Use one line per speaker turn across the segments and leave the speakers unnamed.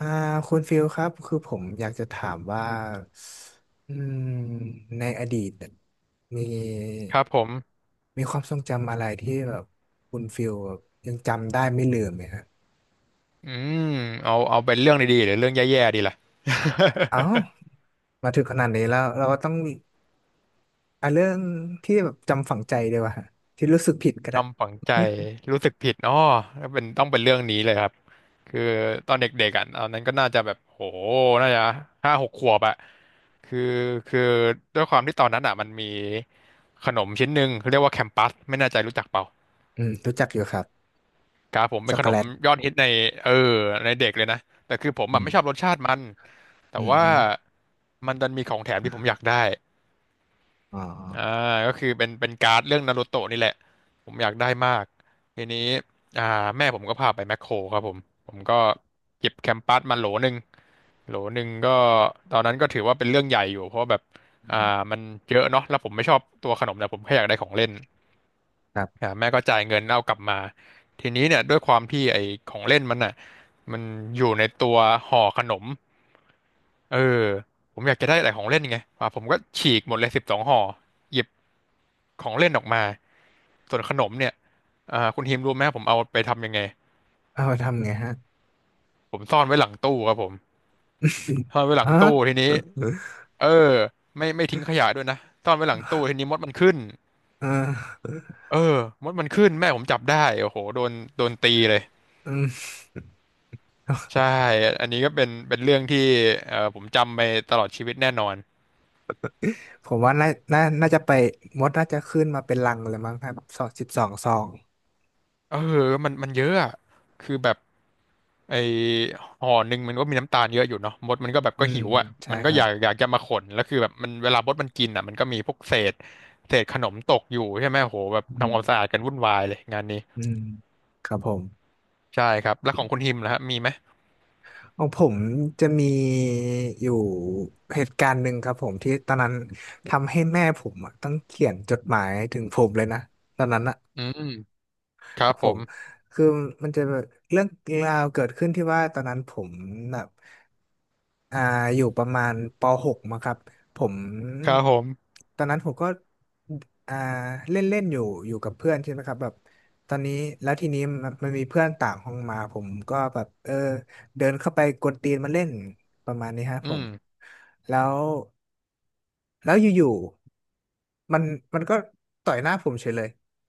อ่าคุณฟิลครับคือผมอยากจะถามว่าอืมในอดีตเนี่ยมี
ครับผม
มีความทรงจำอะไรที่แบบคุณฟิลแบบยังจำได้ไม่ลืมไหมฮะ
อืมเอาเป็นเรื่องดีๆหรือเรื่องแย่ๆดีล่ะ
อ้าวมาถึงขนาดนี้แล้วเราก็ต้องอ่ะเรื่องที่แบบจำฝังใจด้วยว่าฮะที่รู้สึกผิดก็ได้
จำฝังใจรู้สึกผิดอ้อเป็นต้องเป็นเรื่องนี้เลยครับคือตอนเด็กๆอ่ะตอนนั้นก็น่าจะแบบโหน่าจะ5-6 ขวบอ่ะคือคือด้วยความที่ตอนนั้นอ่ะมันมีขนมชิ้นหนึ่งเรียกว่าแคมปัสไม่แน่ใจรู้จักเปล่า
รู้จักอยู่ครับ
ครับผมเป็
ช็อ
น
ก
ข
โก
น
แล
ม
ต
ยอดฮิตในเออในเด็กเลยนะแต่คือผม
อื
แบบ
ม
ไม่ชอบรสชาติมันแต่
อ
ว่า
ม
มันดันมีของแถมที่ผมอยากได้
อ๋อ
อ่าก็คือเป็นการ์ดเรื่องนารูโตะนี่แหละผมอยากได้มากทีนี้อ่าแม่ผมก็พาไปแมคโครครับผมผมก็เก็บแคมปัสมาโหลหนึ่งโหลหนึ่งก็ตอนนั้นก็ถือว่าเป็นเรื่องใหญ่อยู่เพราะว่าแบบ
อื
อ่า
ม
มันเยอะเนาะแล้วผมไม่ชอบตัวขนมแต่ผมแค่อยากได้ของเล่น
ครับ
แม่ก็จ่ายเงินเอากลับมาทีนี้เนี่ยด้วยความที่ไอ้ของเล่นมันอ่ะมันอยู่ในตัวห่อขนมเออผมอยากจะได้อะไรของเล่นไงอ่าผมก็ฉีกหมดเลย12 ห่อหยิบของเล่นออกมาส่วนขนมเนี่ยคุณทีมรู้ไหมผมเอาไปทำยังไง
เอาทำไงฮะฮะ
ผมซ่อนไว้หลังตู้ครับผมซ่อนไว้หลัง ตู้ทีนี้เออไม่ทิ้งขยะด้วยนะซ่อนไว้หลังตู้ทีนี้มดมันขึ้น
เออ
เออมดมันขึ้นแม่ผมจับได้โอ้โหโดนโดนตีเลย
อืม
ใช่อันนี้ก็เป็นเรื่องที่ผมจำไปตลอดชีวิตแน่นอน
ผมว่าน่าจะไปมดน่าจะขึ้นมาเป็นรังเลยมั้งครับสองสิบสองซอง
เออมันเยอะอะคือแบบไอห่อหนึ่งมันก็มีน้ำตาลเยอะอยู่เนาะมดมันก็แบบ
อื
ก็
ม
หิวอ่ะ
ใช่
มันก็
ครับ
อยากจะมาขนแล้วคือแบบมันเวลามดมันกินอ่ะมันก็มีพวกเศษเศษขนมตกอยู่ใช่ไหมโหแบบ
อื
ทำความสะ
ม
อาดกันวุ่นวายเลยงานนี้
อืมครับผม
ใช่ครับแล้วของคุณฮิมนะฮะมีไหม
ของผมจะมีอยู่เหตุการณ์หนึ่งครับผมที่ตอนนั้นทำให้แม่ผมอะต้องเขียนจดหมายถึงผมเลยนะตอนนั้นอะ
อืมครั
ค
บ
รับ
ผ
ผ
ม
มคือมันจะแบบเรื่องราวเกิดขึ้นที่ว่าตอนนั้นผมแบบอ่าอยู่ประมาณป .6 มั้งครับผม
ครับผม
ตอนนั้นผมก็อ่าเล่นเล่นอยู่กับเพื่อนใช่ไหมครับแบบตอนนี้แล้วทีนี้มันมีเพื่อนต่างห้องมาผมก็แบบเดินเข้าไปกวนตีนมาเล่นประมาณนี้ฮะ
อื
ผม
ม
แล้ว แล้วอยู่ๆมันก็ต่อยหน้าผมเฉยเลย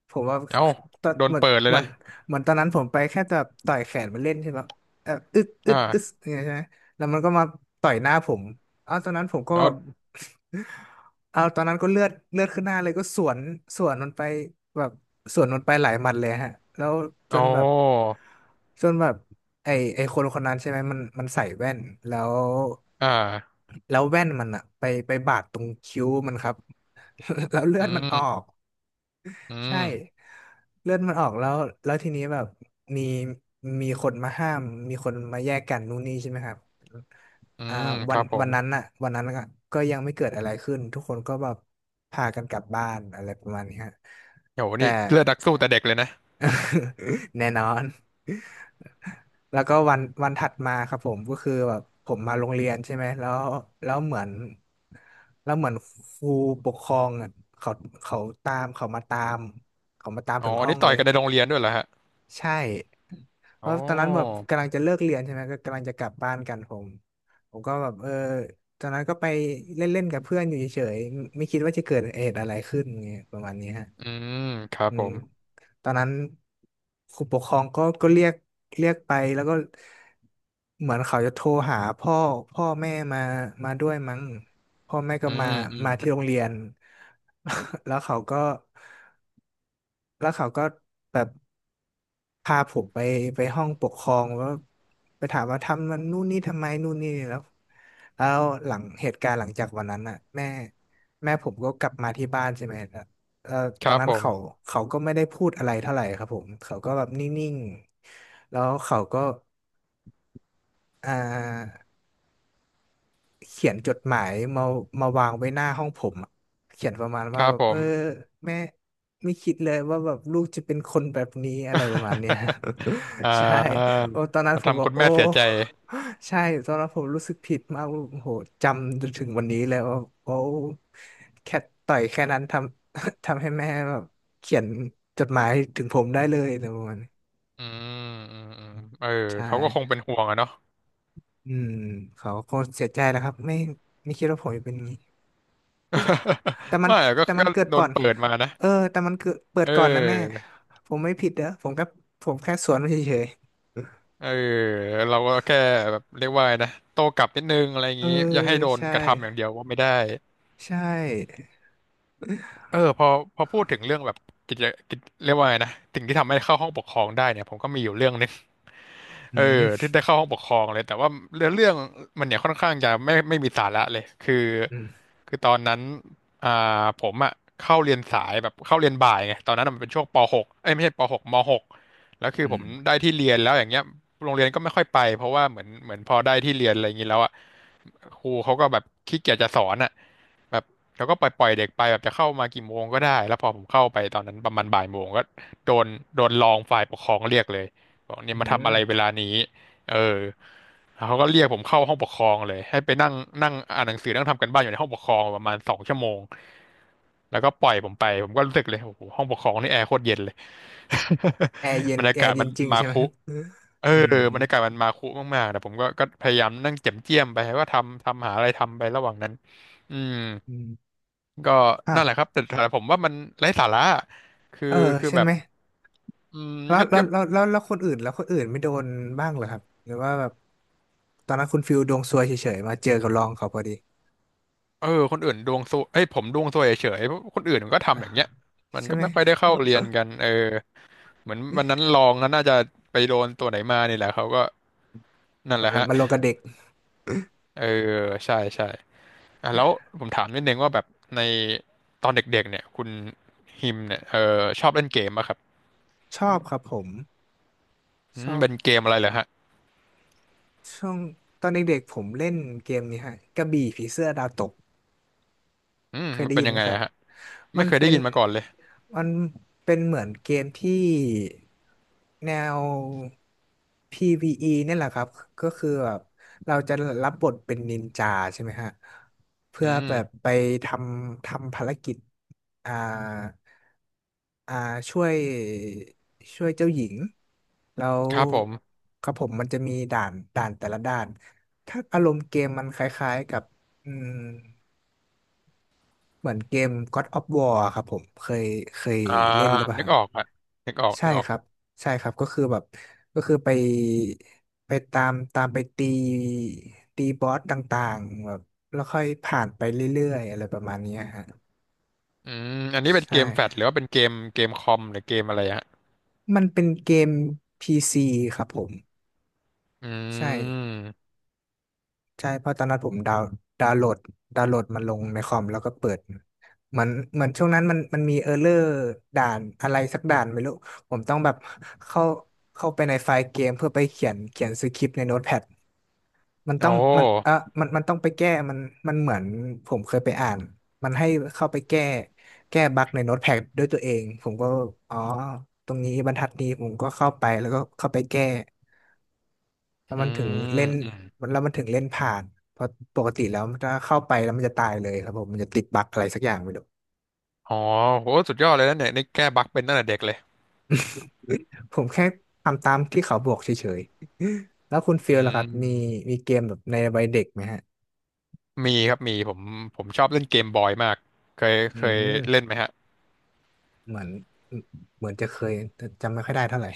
ผมว่า
เอ้า
ตอน
โดนเปิดเลยนะ
เหมือนตอนนั้นผมไปแค่จะต่อยแขนมันเล่นใช่ไหมอึดอึดอึด
อ่า
อย่างเงี้ยใช่ไหมแล้วมันก็มาต่อยหน้าผม เอาวตอนนั้นผมก็
เอา
เอาตอนนั้นก็เลือดขึ้นหน้าเลยก็สวนมันไปแบบสวนมันไปหลายหมัดเลยฮะแล้วจ
อ๋
น
อ
แบบจนแบบไอไอคนคนนั้นใช่ไหมมันใส่แว่นแล้ว
อ่า
แว่นมันอะไปบาดตรงคิ้วมันครับ แล้วเลือ
อื
ดมันออ
ม
ก
อื
ใช่
ม
เลือดมันออกแล้วแล้วทีนี้แบบมีมีคนมาห้ามมีคนมาแยกกันนู่นนี่ใช่ไหมครับ
อื
อ่า
มค
วัน
รับผ
วั
ม
นนั้นน่ะวันนั้นก็ยังไม่เกิดอะไรขึ้นทุกคนก็แบบพากันกลับบ้านอะไรประมาณนี้ฮะ
โห
แต่
นี่เลือดนักสู้แต่เด็กเลยนะ
แน่นอน แล้วก็วันวันถัดมาครับผมก็คือแบบผมมาโรงเรียนใช่ไหมแล้วแล้วเหมือนแล้วเหมือนครูปกครองอะเขาเขาตามเขามาตาม
อ๋
ถึ
อ
ง
อัน
ห้อง
นี้ต่
เล
อย
ย
กันในโรงเรียนด้วยเหรอฮะ
ใช่เพ
อ๋อ
ราะตอนนั้นแบบกำลังจะเลิกเรียนใช่ไหมก็กำลังจะกลับบ้านกันผมก็แบบตอนนั้นก็ไปเล่นๆกับเพื่อนอยู่เฉยๆไม่คิดว่าจะเกิดเหตุอะไรขึ้นไงประมาณนี้ฮะ
อืมครับ
อื
ผ
ม
ม
ตอนนั้นครูปกครองก็เรียกไปแล้วก็เหมือนเขาจะโทรหาพ่อแม่มาด้วยมั้งพ่อแม่ก็
อื
มา
มอืม
มาที่โรงเรียน แล้วเขาก็แล้วเขาก็แบบพาผมไปห้องปกครองแล้วไปถามว่าทำมันนู่นนี่ทำไมนู่นนี่แล้วแล้วหลังเหตุการณ์หลังจากวันนั้นอ่ะแม่ผมก็กลับมาที่บ้านใช่ไหม เอ่อ
ค
ตอ
รั
น
บ
นั้
ผ
นเขา
ม
เขาก็ไม่ได้พูดอะไรเท่าไหร่ครับผม เขาก็แบบนิ่งๆ แล้วเขาก็อ่า เขียนจดหมายมาวางไว้หน้าห้องผมอะเขียนประมาณ
ค
ว่า
รับ
แบบ
ผม
แม่ไม่คิดเลยว่าแบบลูกจะเป็นคนแบบนี้อะไรประมาณเนี้ย
อ่า
ใช่โอ้ตอนนั้น
มัน
ผมบ
ทำ
อก
คุณ
โอ้
แม่เสียใจ
ใช่ตอนนั้นผมรู้สึกผิดมากโอ้โหจำจนถึงวันนี้เลยว่าโอ้แค่ต่อยแค่นั้นทำ ทำให้แม่แบบเขียนจดหมายถึงผมได้เลยอะไรประมาณนี้
อืมอืมอืมเออ
ใช่
เขาก็คงเป็นห่วงอะเนาะ
อืมเขาคงเสียใจนะครับไม่คิดว่าผมจะเป็นอย่างนี้ แต่ มัน
ไม่อะก็ก็
เกิด
โด
ก่อ
น
น
เปิดมานะ
แต่มันเกิดเปิ
เ
ดก่อนนะแม่
ออ
ผมไม่ผิดเด้อผมแค่สวนมันเฉย
เออเราก็แค่แบบเรียกว่าไงนะโต้กลับนิดนึงอะไรอ
ๆ
ย่างงี้อย่าให้โดน
ใช่
กระทำอย่างเดียวว่าไม่ได้
ใช่
พอพูดถึงเรื่องแบบกิจกิจเรียกว่าไงนะสิ่งที่ทำให้เข้าห้องปกครองได้เนี่ยผมก็มีอยู่เรื่องหนึง
อื
เออที่
ม
ได้เข้าห้องปกครองเลยแต่ว่าเรื่องมันเนี่ยค่อนข้างจะไม่มีสาระเลย
อืม
คือตอนนั้นผมอ่ะเข้าเรียนสายแบบเข้าเรียนบ่ายไงตอนนั้นอะมันเป็นช่วงป .6 เอ้ยไม่ใช่ป .6 ม .6 แล้วคือ
อื
ผม
ม
ได้ที่เรียนแล้วอย่างเงี้ยโรงเรียนก็ไม่ค่อยไปเพราะว่าเหมือนพอได้ที่เรียนอะไรอย่างงี้แล้วอ่ะครูเขาก็แบบขี้เกียจจะสอนอ่ะแบบเขาก็ปล่อยเด็กไปแบบจะเข้ามากี่โมงก็ได้แล้วพอผมเข้าไปตอนนั้นประมาณบ่ายโมงก็โดนรองฝ่ายปกครองเรียกเลย บอกเนี่
อื
ยมาทำ
ม
อะไรเวลานี้เออแล้วเขาก็เรียกผมเข้าห้องปกครองเลยให้ไปนั่งนั่งอ่านหนังสือนั่งทำกันบ้านอยู่ในห้องปกครองประมาณ2 ชั่วโมง แล้วก็ปล่อยผมไปผมก็รู้สึกเลยโอ้โหห้องปกครองนี่แอร์โคตรเย็นเลย
แอร์เย็ น
บรรยา
แอ
กาศ
ร์เย็
มั
น
น
จริง
มา
ใช่ไหม
คุ
อืม
เออ
อื
บรรยากาศ
ม
มันมาคุมากๆแต่ผมก็ก็พยายามนั่งเจียมไปว่าทำหาอะไรทำไประหว่างนั้นอืม
อืม
ก็
อ้า
นั่
ว
นแหละครับแต่ผมว่ามันไร้สาระคือ
เออ
คือ
ใช่
แบ
ไห
บ
ม
อืมก็
แล้วคนอื่นไม่โดนบ้างเหรอครับหรือว่าแบบตอนนั้นคุณฟิลดวงซวยเฉยๆมาเจอกับรองเขาพอดี
เออคนอื่นดวงซวยเอ้ยผมดวงซวยเฉยๆเพราะคนอื่นมันก็
อ่ะ
ทำอย่างเงี้ยมัน
ใช่
ก็
ไหม
ไม่ค่อยได้เข้าเรียนกั นเออเหมือนวันนั้นลองนั้นน่าจะไปโดนตัวไหนมานี่แหละเขาก็นั่น
ก่อ
แห
น
ละ
แล้ว
ฮะ
มาลงกับเด็ก
เออใช่อ่ะแล้วผมถามนิดนึงว่าแบบในตอนเด็กๆเนี่ยคุณฮิมเนี่ยเออชอบเล่นเกมป่ะครับ
ชอบครับผม
อื
ช
ม
อบ
เป็นเกมอะไรเหรอฮะ
ช่วงตอนเด็กๆผมเล่นเกมนี้ฮะกระบี่ผีเสื้อดาวตก
อืม
เคย
มัน
ได้
เป็น
ยิน
ยั
ไห
ง
ม
ไง
ครับ
อะฮะ
มั
ไม่
น
เคยได้
เป็น
ยินมาก่อนเลย
มันเป็นเหมือนเกมที่แนว PVE เนี่ยแหละครับ ก็คือแบบเราจะรับบทเป็นนินจาใช่ไหมฮะเพื่
อื
อแบบ
ม
ไปททำภารกิจอ่าอ่าช่วยช่วยเจ้าหญิงแล้ว
ครับผม
ครับผมมันจะมีด่านแต่ละด่านถ้าอารมณ์เกมมันคล้ายๆกับอืม เหมือนเกม God of War อะครับผมเคย
อ่า
เล่นหรือเปล่า
นึก
ฮะ
ออกฮะนึกออก
ใช่ครับใช่ครับก็คือแบบก็คือไปไปตามตามไปตีบอสต่างๆแบบแล้วค่อยผ่านไปเรื่อยๆอะไรประมาณเนี้ยฮะ
อืมอันนี้เป็นเก
ใช่
มแฟลชหรือว่าเป็นเกมคอมหรือเกมอะไรฮะ
มันเป็นเกม PC ครับผม
อื
ใช่
ม
ใช่เพราะตอนนั้นผมดาวน์โหลดดาวน์โหลดมันลงในคอมแล้วก็เปิดมันเหมือนช่วงนั้นมันมีเออร์เลอร์ด่านอะไรสักด่านไม่รู้ผมต้องแบบเข้าเข้าไปในไฟล์เกมเพื่อไปเขียนสคริปต์ในโน้ตแพดมัน
โอ
ต้องมันเออ
้
มันต้องไปแก้มันมันเหมือนผมเคยไปอ่านมันให้เข้าไปแก้บั๊กในโน้ตแพดด้วยตัวเองผมก็อ๋อตรงนี้บรรทัดนี้ผมก็เข้าไปแล้วก็เข้าไปแก้ แล้ว
อื
มันถึง
ม
เล่น
อืม
แล้วมันถึงเล่นผ่านเพราะปกติแล้วมันจะเข้าไปแล้วมันจะตายเลยครับผมมันจะติดบั๊กอะไรสักอย่างไม่รู้
อ๋อโหสุดยอดเลยนะเนี่ยนี่แก้บั๊กเป็นตั้งแต่เด็กเลย
ผมแค่ทำตามที่เขาบอกเฉยๆแล้วคุณฟิ
อื
ลล่ะครับมี
ม
มีเกมแบบในวัยเด็กไหมฮะ
มีครับ มีผมชอบเล่นเกมบอยมากเคย
อื
เคย
ม
เล่นไหมฮะ
เหมือนเหมือนจะเคยแต่จำไม่ค่อยได้เท่าไหร่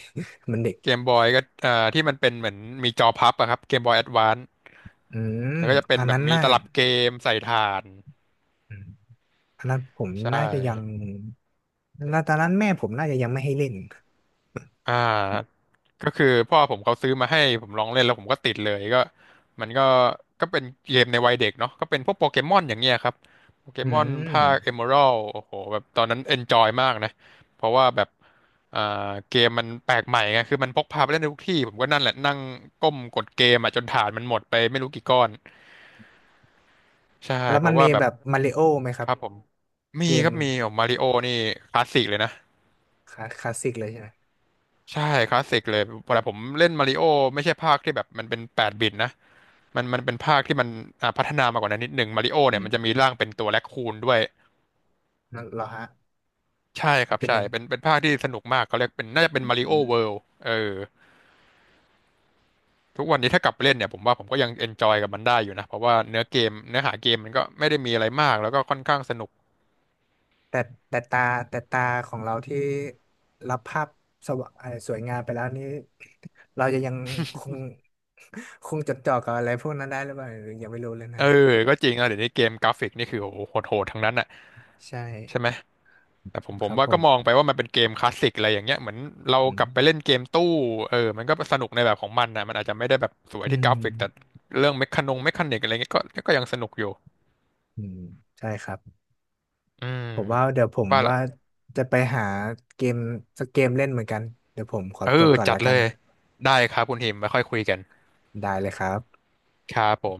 มันเด็ก
เกมบอยก็เอ่าที่มันเป็นเหมือนมีจอพับอะครับเกมบอยแอดวานซ์
อืม
แล้วก็จะเป็
อั
น
น
แบบ
นั้น
มี
น่า
ตลับเกมใส่ถ่าน
อืมอันนั้นผม
ใช่
น่าจะยังแล้วตอนนั้นแม่ผมน่าจะยังไม่ให้เล่น
อ่า ก็คือพ่อผมเขาซื้อมาให้ผมลองเล่นแล้วผมก็ติดเลยก็มันก็ก็เป็นเกมในวัยเด็กเนาะก็เป็นพวกโปเกมอนอย่างเงี้ยครับโปเก
อื
มอนภาค
ม
เอเมอรัลโอ้โหแบบตอนนั้นเอนจอยมากนะเพราะว่าแบบอ่าเกมมันแปลกใหม่ไงคือมันพกพาไปเล่นได้ทุกที่ผมก็นั่นแหละนั่งก้มกดเกมอ่ะจนฐานมันหมดไปไม่รู้กี่ก้อนใช่
แล้ว
เพ
มัน
ราะ
มี
ว่าแบ
แบ
บ
บมาริโอไหมค
ค
รับ
รับผมมี
เก
ค
ม
รับมีโอ้มาริโอนี่คลาสสิกเลยนะ
คลาสสิกเลยใช่ไหม
ใช่คลาสสิกเลยเวลาผมเล่นมาริโอไม่ใช่ภาคที่แบบมันเป็นแปดบิตนะมันเป็นภาคที่มันพัฒนามากกว่านั้นนิดหนึ่งมาริโอ
อื
เนี่ยมันจะมี
ม
ร่างเป็นตัวแร็คคูนด้วย
นั่นเหรอฮะ
ใช่ค
มัน
รับ
เป็น
ใช่
ยัง
เป็นภาคที่สนุกมากเขาเรียกเป็นน่าจะเป็นมาริโอ
อื
เวิ
ม
ลด์เออทุกวันนี้ถ้ากลับไปเล่นเนี่ยผมว่าผมก็ยังเอนจอยกับมันได้อยู่นะเพราะว่าเนื้อเกมเนื้อหาเกมมันก็ไม่ได้มีอะไรมากแล้วก็ค่อนข้างสนุก
แต่แต่ตาแต่ตาของเราที่รับภาพสวะเอ่อสวยงามไปแล้วนี่ เราจะยังคง คงจดจ่อกับอะไรพวกนั้นได้หรือเปล่าหรือยังไม่รู้เลยนะ
เออก็จริงนะเดี๋ยวนี้เกมกราฟิกนี่คือโอ้โหโหดๆทั้งนั้นอ่ะ
ใช่
ใช่ไหม แต่ผมผ
ค
ม
รับ
ว่า
ผ
ก็มอง
ม
ไปว่ามันเป็นเกมคลาสสิกอะไรอย่างเงี้ยเหมือนเรา
อื
ก
ม
ลับไปเล่นเกมตู้เออมันก็สนุกในแบบของมันนะมันอาจจะไม่ได้แบบสวย
อื
ที่ก
ม
ราฟิกแต่เรื่องเมคคานิกอะไรเงี้ยก็ยังสนุกอยู่
อืมใช่ครับ
อืม
ผม
ว่าล
ว่า
ะ
จะไปหาเกมสักเกมเล่นเหมือนกันเดี๋ยวผมขอ
เอ
ตัว
อ
ก่อน
จั
แล้
ด
ว
เล
กัน
ย
นะ
ได้ครับคุณหิมไว้ค่อยคุยกัน
ได้เลยครับ
ครับผม